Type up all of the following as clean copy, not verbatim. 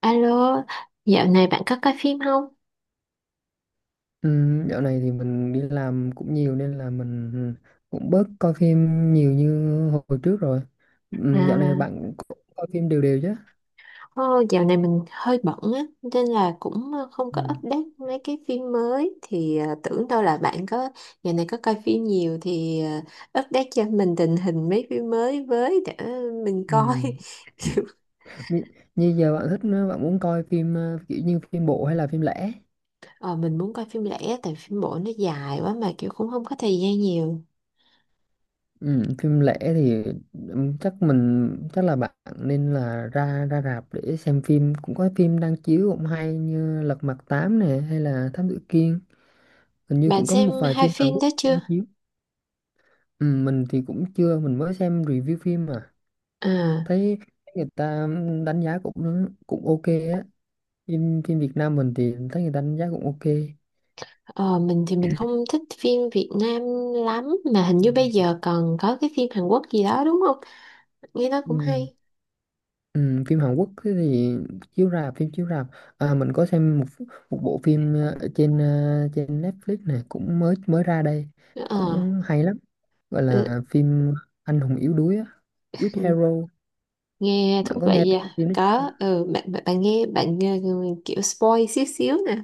Alo, dạo này bạn có coi phim không? Ừ, dạo này thì mình đi làm cũng nhiều nên là mình cũng bớt coi phim nhiều như hồi trước rồi. Ừ, dạo này À, bạn cũng coi phim đều đều chứ? Dạo này mình hơi bận á, nên là cũng không Ừ. có update mấy cái phim mới. Thì tưởng đâu là bạn có dạo này có coi phim nhiều thì update cho mình tình hình mấy phim mới với để mình Ừ. coi. Kiểu, Như, như giờ bạn thích bạn muốn coi phim kiểu như phim bộ hay là phim lẻ? ờ, mình muốn coi phim lẻ tại phim bộ nó dài quá mà kiểu cũng không có thời gian nhiều. Ừ, phim lẻ thì chắc mình, chắc là bạn nên là ra ra rạp để xem phim, cũng có phim đang chiếu cũng hay như Lật Mặt 8 này hay là Thám Tử Kiên, hình như Bạn cũng có xem một vài hai phim Hàn phim Quốc đó chưa? đang chiếu. Ừ, mình thì cũng chưa, mình mới xem review phim mà À. thấy người ta đánh giá cũng cũng ok á, phim phim Việt Nam mình thì thấy người ta đánh giá cũng ok. Ờ, mình thì mình không thích phim Việt Nam lắm, mà hình như bây giờ còn có cái phim Hàn Quốc gì đó đúng không? Nghe nói cũng Ừ. hay. Ừ, phim Hàn Quốc thì chiếu rạp, phim chiếu rạp, à, mình có xem một một bộ phim trên Netflix này, cũng mới mới ra đây, Ờ, cũng hay lắm, gọi ừ, là phim Anh hùng yếu đuối á, With Hero. Nghe Bạn thú có nghe vị tên à. phim đó Có chưa? ừ, bạn bạn bạn nghe kiểu spoil xíu xíu nè.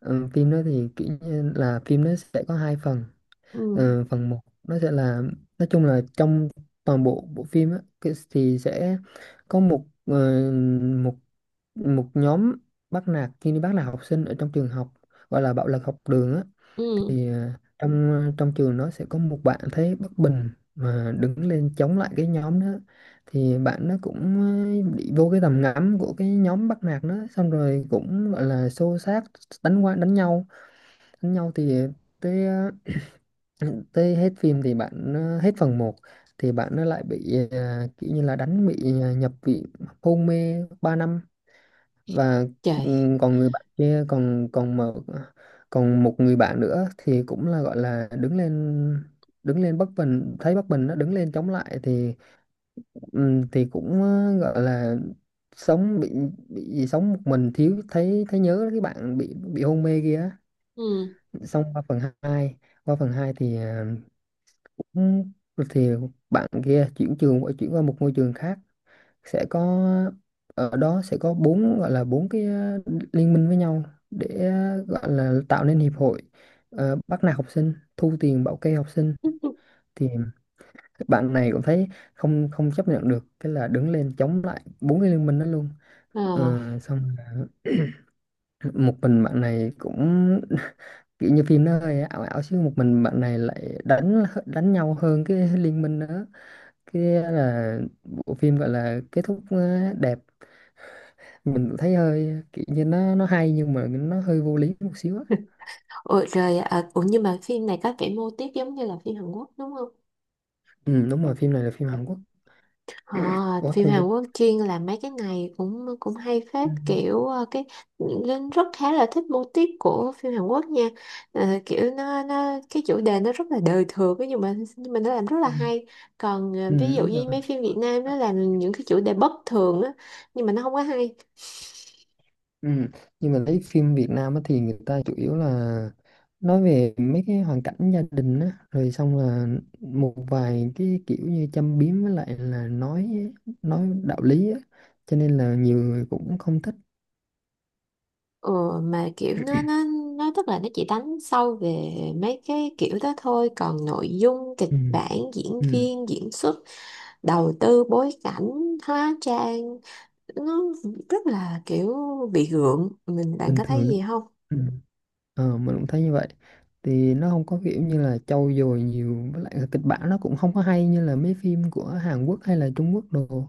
Ừ, phim đó thì kiểu như là phim nó sẽ có hai phần. Ừ, Ừ, phần một nó sẽ là, nói chung là trong toàn bộ bộ phim á, thì sẽ có một ờ, một một nhóm bắt nạt, khi đi bắt nạt học sinh ở trong trường học, gọi là bạo lực học đường á. ừ, Thì trong trường nó sẽ có một bạn thấy bất bình mà đứng lên chống lại cái nhóm đó, thì bạn nó cũng bị vô cái tầm ngắm của cái nhóm bắt nạt đó, xong rồi cũng gọi là xô xát, đánh qua đánh nhau. Đánh nhau thì tới tới hết phim thì bạn hết phần một, thì bạn nó lại bị kiểu như là đánh, bị nhập viện, hôn mê 3 năm. Và ừ, trời. còn người bạn kia còn còn mà còn một người bạn nữa thì cũng là gọi là đứng lên, đứng lên bất bình, thấy bất bình nó đứng lên chống lại, thì ừ, thì cũng gọi là sống bị sống một mình, thiếu, thấy thấy nhớ cái bạn bị hôn mê kia. Ừ. Xong qua phần 2, thì cũng thì bạn kia chuyển qua một ngôi trường khác, sẽ có, ở đó sẽ có bốn, gọi là bốn cái liên minh với nhau để gọi là tạo nên hiệp hội, bắt nạt học sinh, thu tiền bảo kê học sinh. Thì bạn này cũng thấy không không chấp nhận được, cái là đứng lên chống lại bốn cái liên minh đó luôn. Ờ, Ờ, xong là một mình bạn này cũng kiểu như phim nó hơi ảo ảo, chứ một mình bạn này lại đánh đánh nhau hơn cái liên minh nữa, cái là bộ phim gọi là kết thúc đẹp. Mình cũng thấy hơi kiểu như nó hay, nhưng mà nó hơi vô lý một xíu á. ủa, rồi à, ủa nhưng mà phim này có vẻ mô típ giống như là phim Hàn Quốc đúng không? Ừ, đúng rồi, phim này là phim Hàn Quốc. Ờ, Ủa, phim thôi đi. Hàn Quốc chuyên làm mấy cái này cũng cũng hay phết Ừ, kiểu cái Linh rất khá là thích mô típ của phim Hàn Quốc nha. Ờ, kiểu nó cái chủ đề nó rất là đời thường ấy, nhưng mà nó làm rất là ừ, hay. Còn ví ừ, dụ đúng như rồi. mấy phim Việt Nam nó làm những cái chủ đề bất thường á, nhưng mà nó không có hay. Ừ. Nhưng mà lấy phim Việt Nam á thì người ta chủ yếu là nói về mấy cái hoàn cảnh gia đình á, rồi xong là một vài cái kiểu như châm biếm với lại là nói đạo lý á, cho nên là nhiều người cũng không thích. Ừ, mà kiểu nó tức là nó chỉ đánh sâu về mấy cái kiểu đó thôi, còn nội dung, kịch Ừ. bản, diễn Ừ. viên, diễn xuất, đầu tư bối cảnh, hóa trang nó rất là kiểu bị gượng, mình bạn Bình có thấy thường đó. gì không? Ừ. Ờ, mình cũng thấy như vậy, thì nó không có kiểu như là trau dồi nhiều, với lại là kịch bản nó cũng không có hay như là mấy phim của Hàn Quốc hay là Trung Quốc đồ.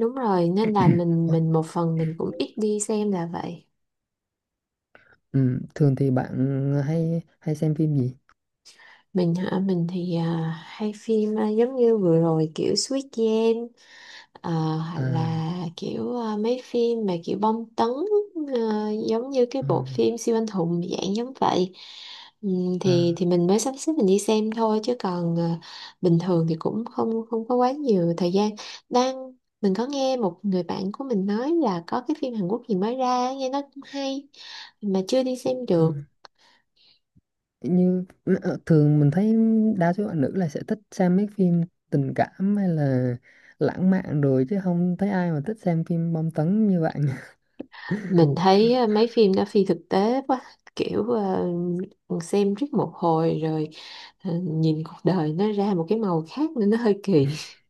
Đúng rồi, nên là mình Ủa, mình một phần mình cũng ít đi xem là vậy. ừ. Thường thì bạn hay hay xem phim gì? Mình hả, mình thì à, hay phim à, giống như vừa rồi kiểu Squid Game. Ờ, hoặc là À. kiểu mấy phim mà kiểu bom tấn, giống như cái Ờ, bộ phim siêu anh hùng dạng giống vậy. À, Thì mình mới sắp xếp mình đi xem thôi, chứ còn bình thường thì cũng không không có quá nhiều thời gian đang mình có nghe một người bạn của mình nói là có cái phim Hàn Quốc gì mới ra nghe nó cũng hay mà chưa đi xem ờ. được. Như thường mình thấy đa số bạn nữ là sẽ thích xem mấy phim tình cảm hay là lãng mạn rồi, chứ không thấy ai mà thích xem phim bom tấn như bạn. Mình thấy mấy phim đó phi thực tế quá, kiểu xem riết một hồi rồi, Ờ, nhìn cuộc đời nó ra một cái màu khác nên nó hơi kỳ.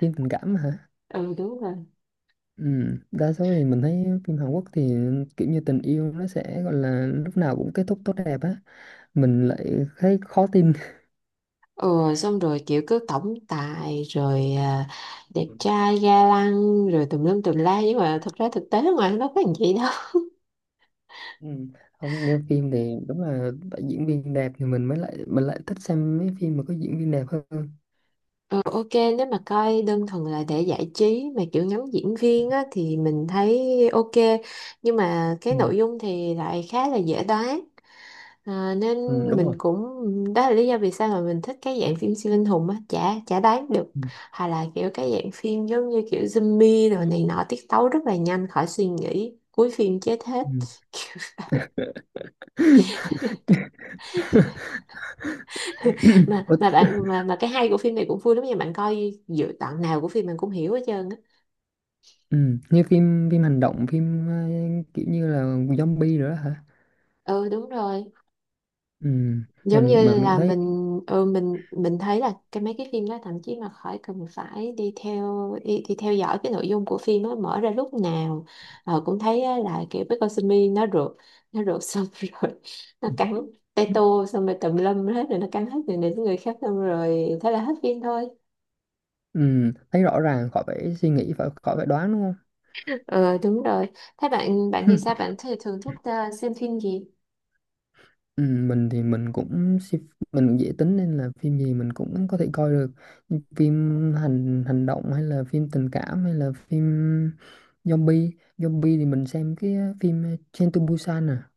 Phim tình cảm hả? Ừ đúng rồi. Ừ. Đa số thì mình thấy phim Hàn Quốc thì kiểu như tình yêu nó sẽ gọi là lúc nào cũng kết thúc tốt đẹp á, mình lại thấy khó tin. Ừ, xong rồi kiểu cứ tổng tài rồi à, đẹp trai ga lăng rồi tùm lum tùm la nhưng mà thật ra thực tế ngoài nó có làm gì đâu. Ừ. Không, như phim thì đúng là phải diễn viên đẹp thì mình lại thích xem mấy phim mà có diễn viên đẹp hơn. Ờ, ok, nếu mà coi đơn thuần là để giải trí mà kiểu ngắm diễn viên á, thì mình thấy ok, nhưng mà cái Ừ. nội dung thì lại khá là dễ đoán. Ờ, nên Ừ, đúng mình rồi. cũng đó là lý do vì sao mà mình thích cái dạng phim siêu anh hùng á, chả chả đoán được. Ừ. Hoặc là kiểu cái dạng phim giống như kiểu zombie rồi này nọ tiết tấu rất là nhanh khỏi suy nghĩ cuối phim chết hết. Ừ. Kiểu vậy. mà Ủa, mà bạn mà cái hay của phim này cũng vui lắm nha, bạn coi dự đoạn nào của phim mình cũng hiểu hết trơn á. ừ, như phim phim hành động, phim kiểu như là zombie rồi đó hả? Ừ đúng rồi, Ừ, giống mình như cũng là thấy, mình ừ, mình thấy là cái mấy cái phim đó thậm chí mà khỏi cần phải đi theo đi theo dõi cái nội dung của phim nó mở ra lúc nào ờ, cũng thấy á, là kiểu cái con simi nó rượt, nó rượt xong rồi nó cắn tay tô xong rồi tùm lum hết rồi nó cắn hết người này đến người khác xong rồi thế là hết phim thôi. ừ, thấy rõ ràng, khỏi phải suy nghĩ, khỏi phải đoán đúng không? Ờ đúng rồi, thế bạn bạn thì sao, bạn thì thường thích xem phim gì? Ừ, mình thì mình cũng dễ tính, nên là phim gì mình cũng có thể coi được. Nhưng phim hành hành động hay là phim tình cảm hay là phim zombie, zombie thì mình xem cái phim Train to Busan à.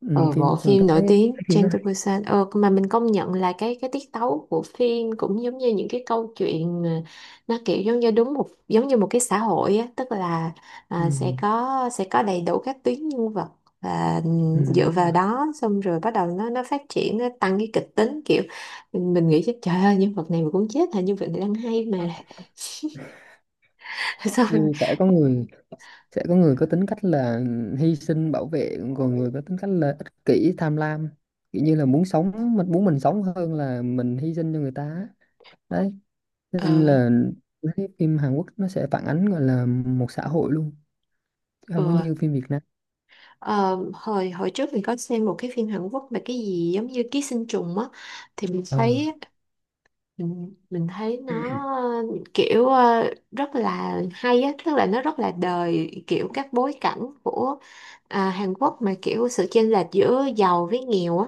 Ừ, Ờ, bộ phim mình phim nổi tiếng thấy phim đó Train to hay. Busan, ờ, mà mình công nhận là cái tiết tấu của phim cũng giống như những cái câu chuyện mà nó kiểu giống như đúng một giống như một cái xã hội á, tức là à, sẽ Ừ, có sẽ có đầy đủ các tuyến nhân vật và ừ, dựa đúng vào rồi, đó xong rồi bắt đầu nó phát triển nó tăng cái kịch tính kiểu mình nghĩ chứ trời ơi nhân vật này mà cũng chết hả, nhân vật này đang hay mà. Xong rồi như sẽ có người có tính cách là hy sinh bảo vệ, còn người có tính cách là ích kỷ tham lam, kiểu như là muốn sống mình muốn mình sống hơn là mình hy sinh cho người ta á. Đấy, ờ nên là cái phim Hàn Quốc nó sẽ phản ánh, gọi là một xã hội luôn, chứ không có ừ. như phim Việt Nam. Ờ, hồi hồi trước mình có xem một cái phim Hàn Quốc mà cái gì giống như ký sinh trùng á, thì Ờ. Mình thấy nó kiểu rất là hay á, tức là nó rất là đời kiểu các bối cảnh của à, Hàn Quốc mà kiểu sự chênh lệch giữa giàu với nghèo á,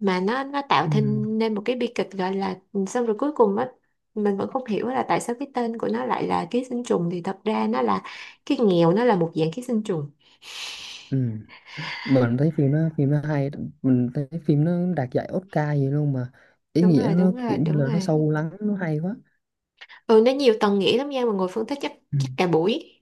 mà nó tạo Ừ. thành nên một cái bi kịch gọi là xong rồi cuối cùng á mình vẫn không hiểu là tại sao cái tên của nó lại là ký sinh trùng, thì thật ra nó là cái nghèo nó là một dạng ký sinh trùng. Ừ. Mình thấy phim nó hay, mình thấy phim nó đạt giải Oscar gì luôn mà. Ý đúng nghĩa rồi nó đúng rồi kiểu như đúng là nó rồi, sâu lắng, nó hay quá. ừ nó nhiều tầng nghĩa lắm nha mà ngồi phân tích chắc Ừ. chắc cả buổi.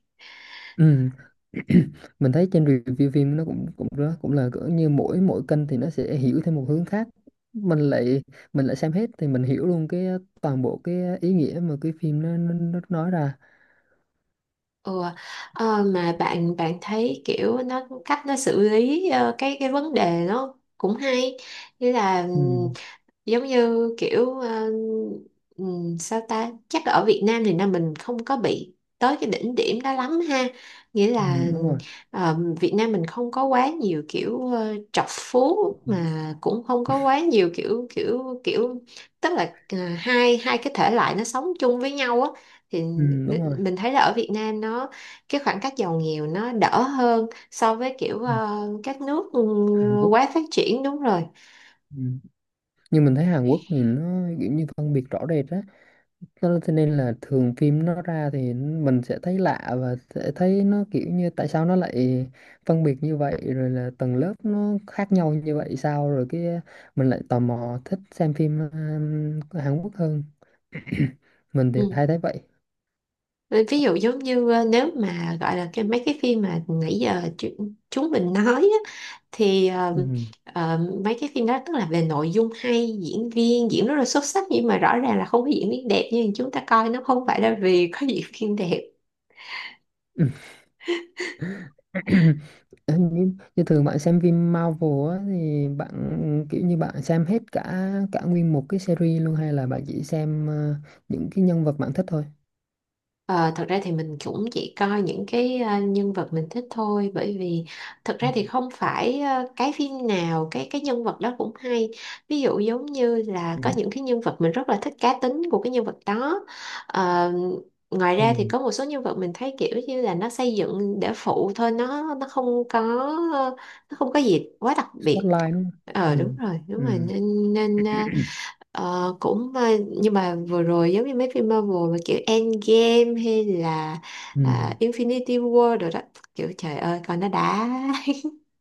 Ừ. Mình thấy trên review phim nó cũng cũng đó, cũng là cỡ như mỗi mỗi kênh thì nó sẽ hiểu theo một hướng khác. mình lại mình lại xem hết thì mình hiểu luôn cái toàn bộ cái ý nghĩa mà cái phim nó nói ra. Ừ. Ờ, mà bạn bạn thấy kiểu nó cách nó xử lý cái vấn đề nó cũng hay như là Ừ, giống như kiểu sao ta chắc ở Việt Nam thì là mình không có bị tới cái đỉnh điểm đó lắm ha, nghĩa ừ, là đúng rồi. Việt Nam mình không có quá nhiều kiểu trọc phú Ừ, mà cũng không có quá nhiều kiểu kiểu kiểu tức là hai hai cái thể loại nó sống chung với nhau á, thì ừ, đúng rồi. mình thấy là ở Việt Nam nó cái khoảng cách giàu nghèo nó đỡ hơn so với kiểu Ừ, các nước ừ, Hàn Quốc. quá phát triển đúng rồi. Ừ. Nhưng mình thấy Hàn Quốc thì nó kiểu như phân biệt rõ rệt á. Cho nên thế nên là thường phim nó ra thì mình sẽ thấy lạ, và sẽ thấy nó kiểu như tại sao nó lại phân biệt như vậy, rồi là tầng lớp nó khác nhau như vậy sao, rồi cái mình lại tò mò thích xem phim của Hàn Quốc hơn. Mình thì Ừ. hay thấy vậy. Ví dụ giống như nếu mà gọi là cái mấy cái phim mà nãy giờ chúng mình nói á, thì Ừ. ờ, mấy cái phim đó tức là về nội dung hay diễn viên diễn rất là xuất sắc nhưng mà rõ ràng là không có diễn viên đẹp, nhưng chúng ta coi nó không phải là vì có diễn viên đẹp. Như thường bạn xem phim Marvel á, thì bạn kiểu như bạn xem hết cả cả nguyên một cái series luôn, hay là bạn chỉ xem những cái nhân vật bạn thích thôi? Ờ, thật ra thì mình cũng chỉ coi những cái nhân vật mình thích thôi, bởi vì thật ra thì không phải cái phim nào cái nhân vật đó cũng hay. Ví dụ giống như là Ừ. có những cái nhân vật mình rất là thích cá tính của cái nhân vật đó. Ờ, ngoài Ừ. ra thì có một số nhân vật mình thấy kiểu như là nó xây dựng để phụ thôi nó không có, nó không có gì quá đặc biệt. Spotlight đúng không? Ờ Ừ. đúng rồi đúng rồi, Ừ. nên nên ờ, Ờ, cũng ờ, nhưng mà vừa rồi giống như mấy phim Marvel mà kiểu Endgame hay là Ừ. à, Infinity War rồi đó kiểu trời ơi coi nó đã.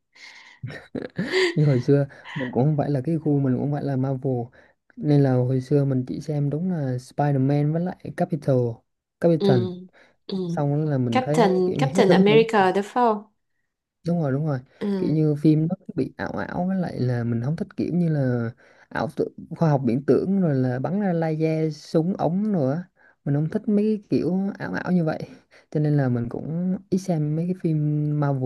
Như hồi xưa mình cũng không phải là cái gu, mình cũng không phải là Marvel, nên là hồi xưa mình chỉ xem đúng là Spider-Man với lại Ừ. Captain. Ừ. Xong đó là mình thấy Captain kiểu như hết Captain hứng thú. America đúng không? Đúng rồi, đúng rồi. Kiểu Ừ. như phim nó cứ bị ảo ảo, với lại là mình không thích kiểu như là ảo tưởng, khoa học viễn tưởng, rồi là bắn ra laser súng ống rồi á, mình không thích mấy cái kiểu ảo ảo như vậy, cho nên là mình cũng ít xem mấy cái phim Marvel.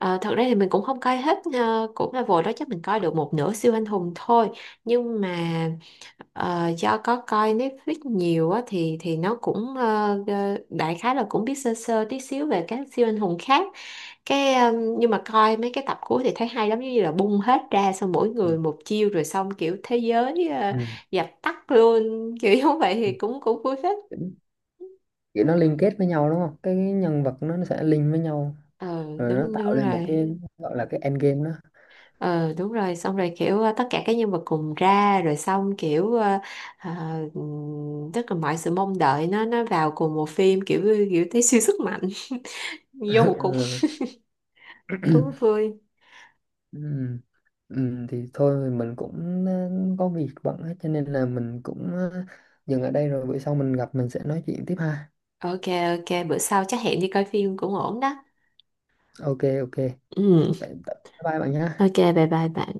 Ờ, thật ra thì mình cũng không coi hết cũng là vội đó chắc mình coi được một nửa siêu anh hùng thôi, nhưng mà do có coi Netflix nhiều á, thì nó cũng đại khái là cũng biết sơ sơ tí xíu về các siêu anh hùng khác cái ờ, nhưng mà coi mấy cái tập cuối thì thấy hay lắm giống như là bung hết ra xong mỗi Ừ. người một chiêu rồi xong kiểu thế giới dập tắt luôn. Kiểu như vậy thì Ừ. cũng cũng vui phết. Kiểu nó liên kết với nhau đúng không, cái nhân vật nó sẽ link với nhau, Ờ rồi nó đúng đúng tạo lên một rồi. cái gọi là cái endgame đó. Ừ đúng rồi xong rồi kiểu tất cả các nhân vật cùng ra rồi xong kiểu ờ, tức là mọi sự mong đợi nó vào cùng một phim kiểu kiểu thấy siêu sức mạnh vô một cục Ừ. thú vui. Ừm, thì thôi, mình cũng có việc bận hết, cho nên là mình cũng dừng ở đây, rồi bữa sau mình gặp mình sẽ nói chuyện tiếp ha. Ok, ok bữa sau chắc hẹn đi coi phim cũng ổn đó. Ok, ok, Ừ, bye bye bạn nhé. ok bye bye bạn.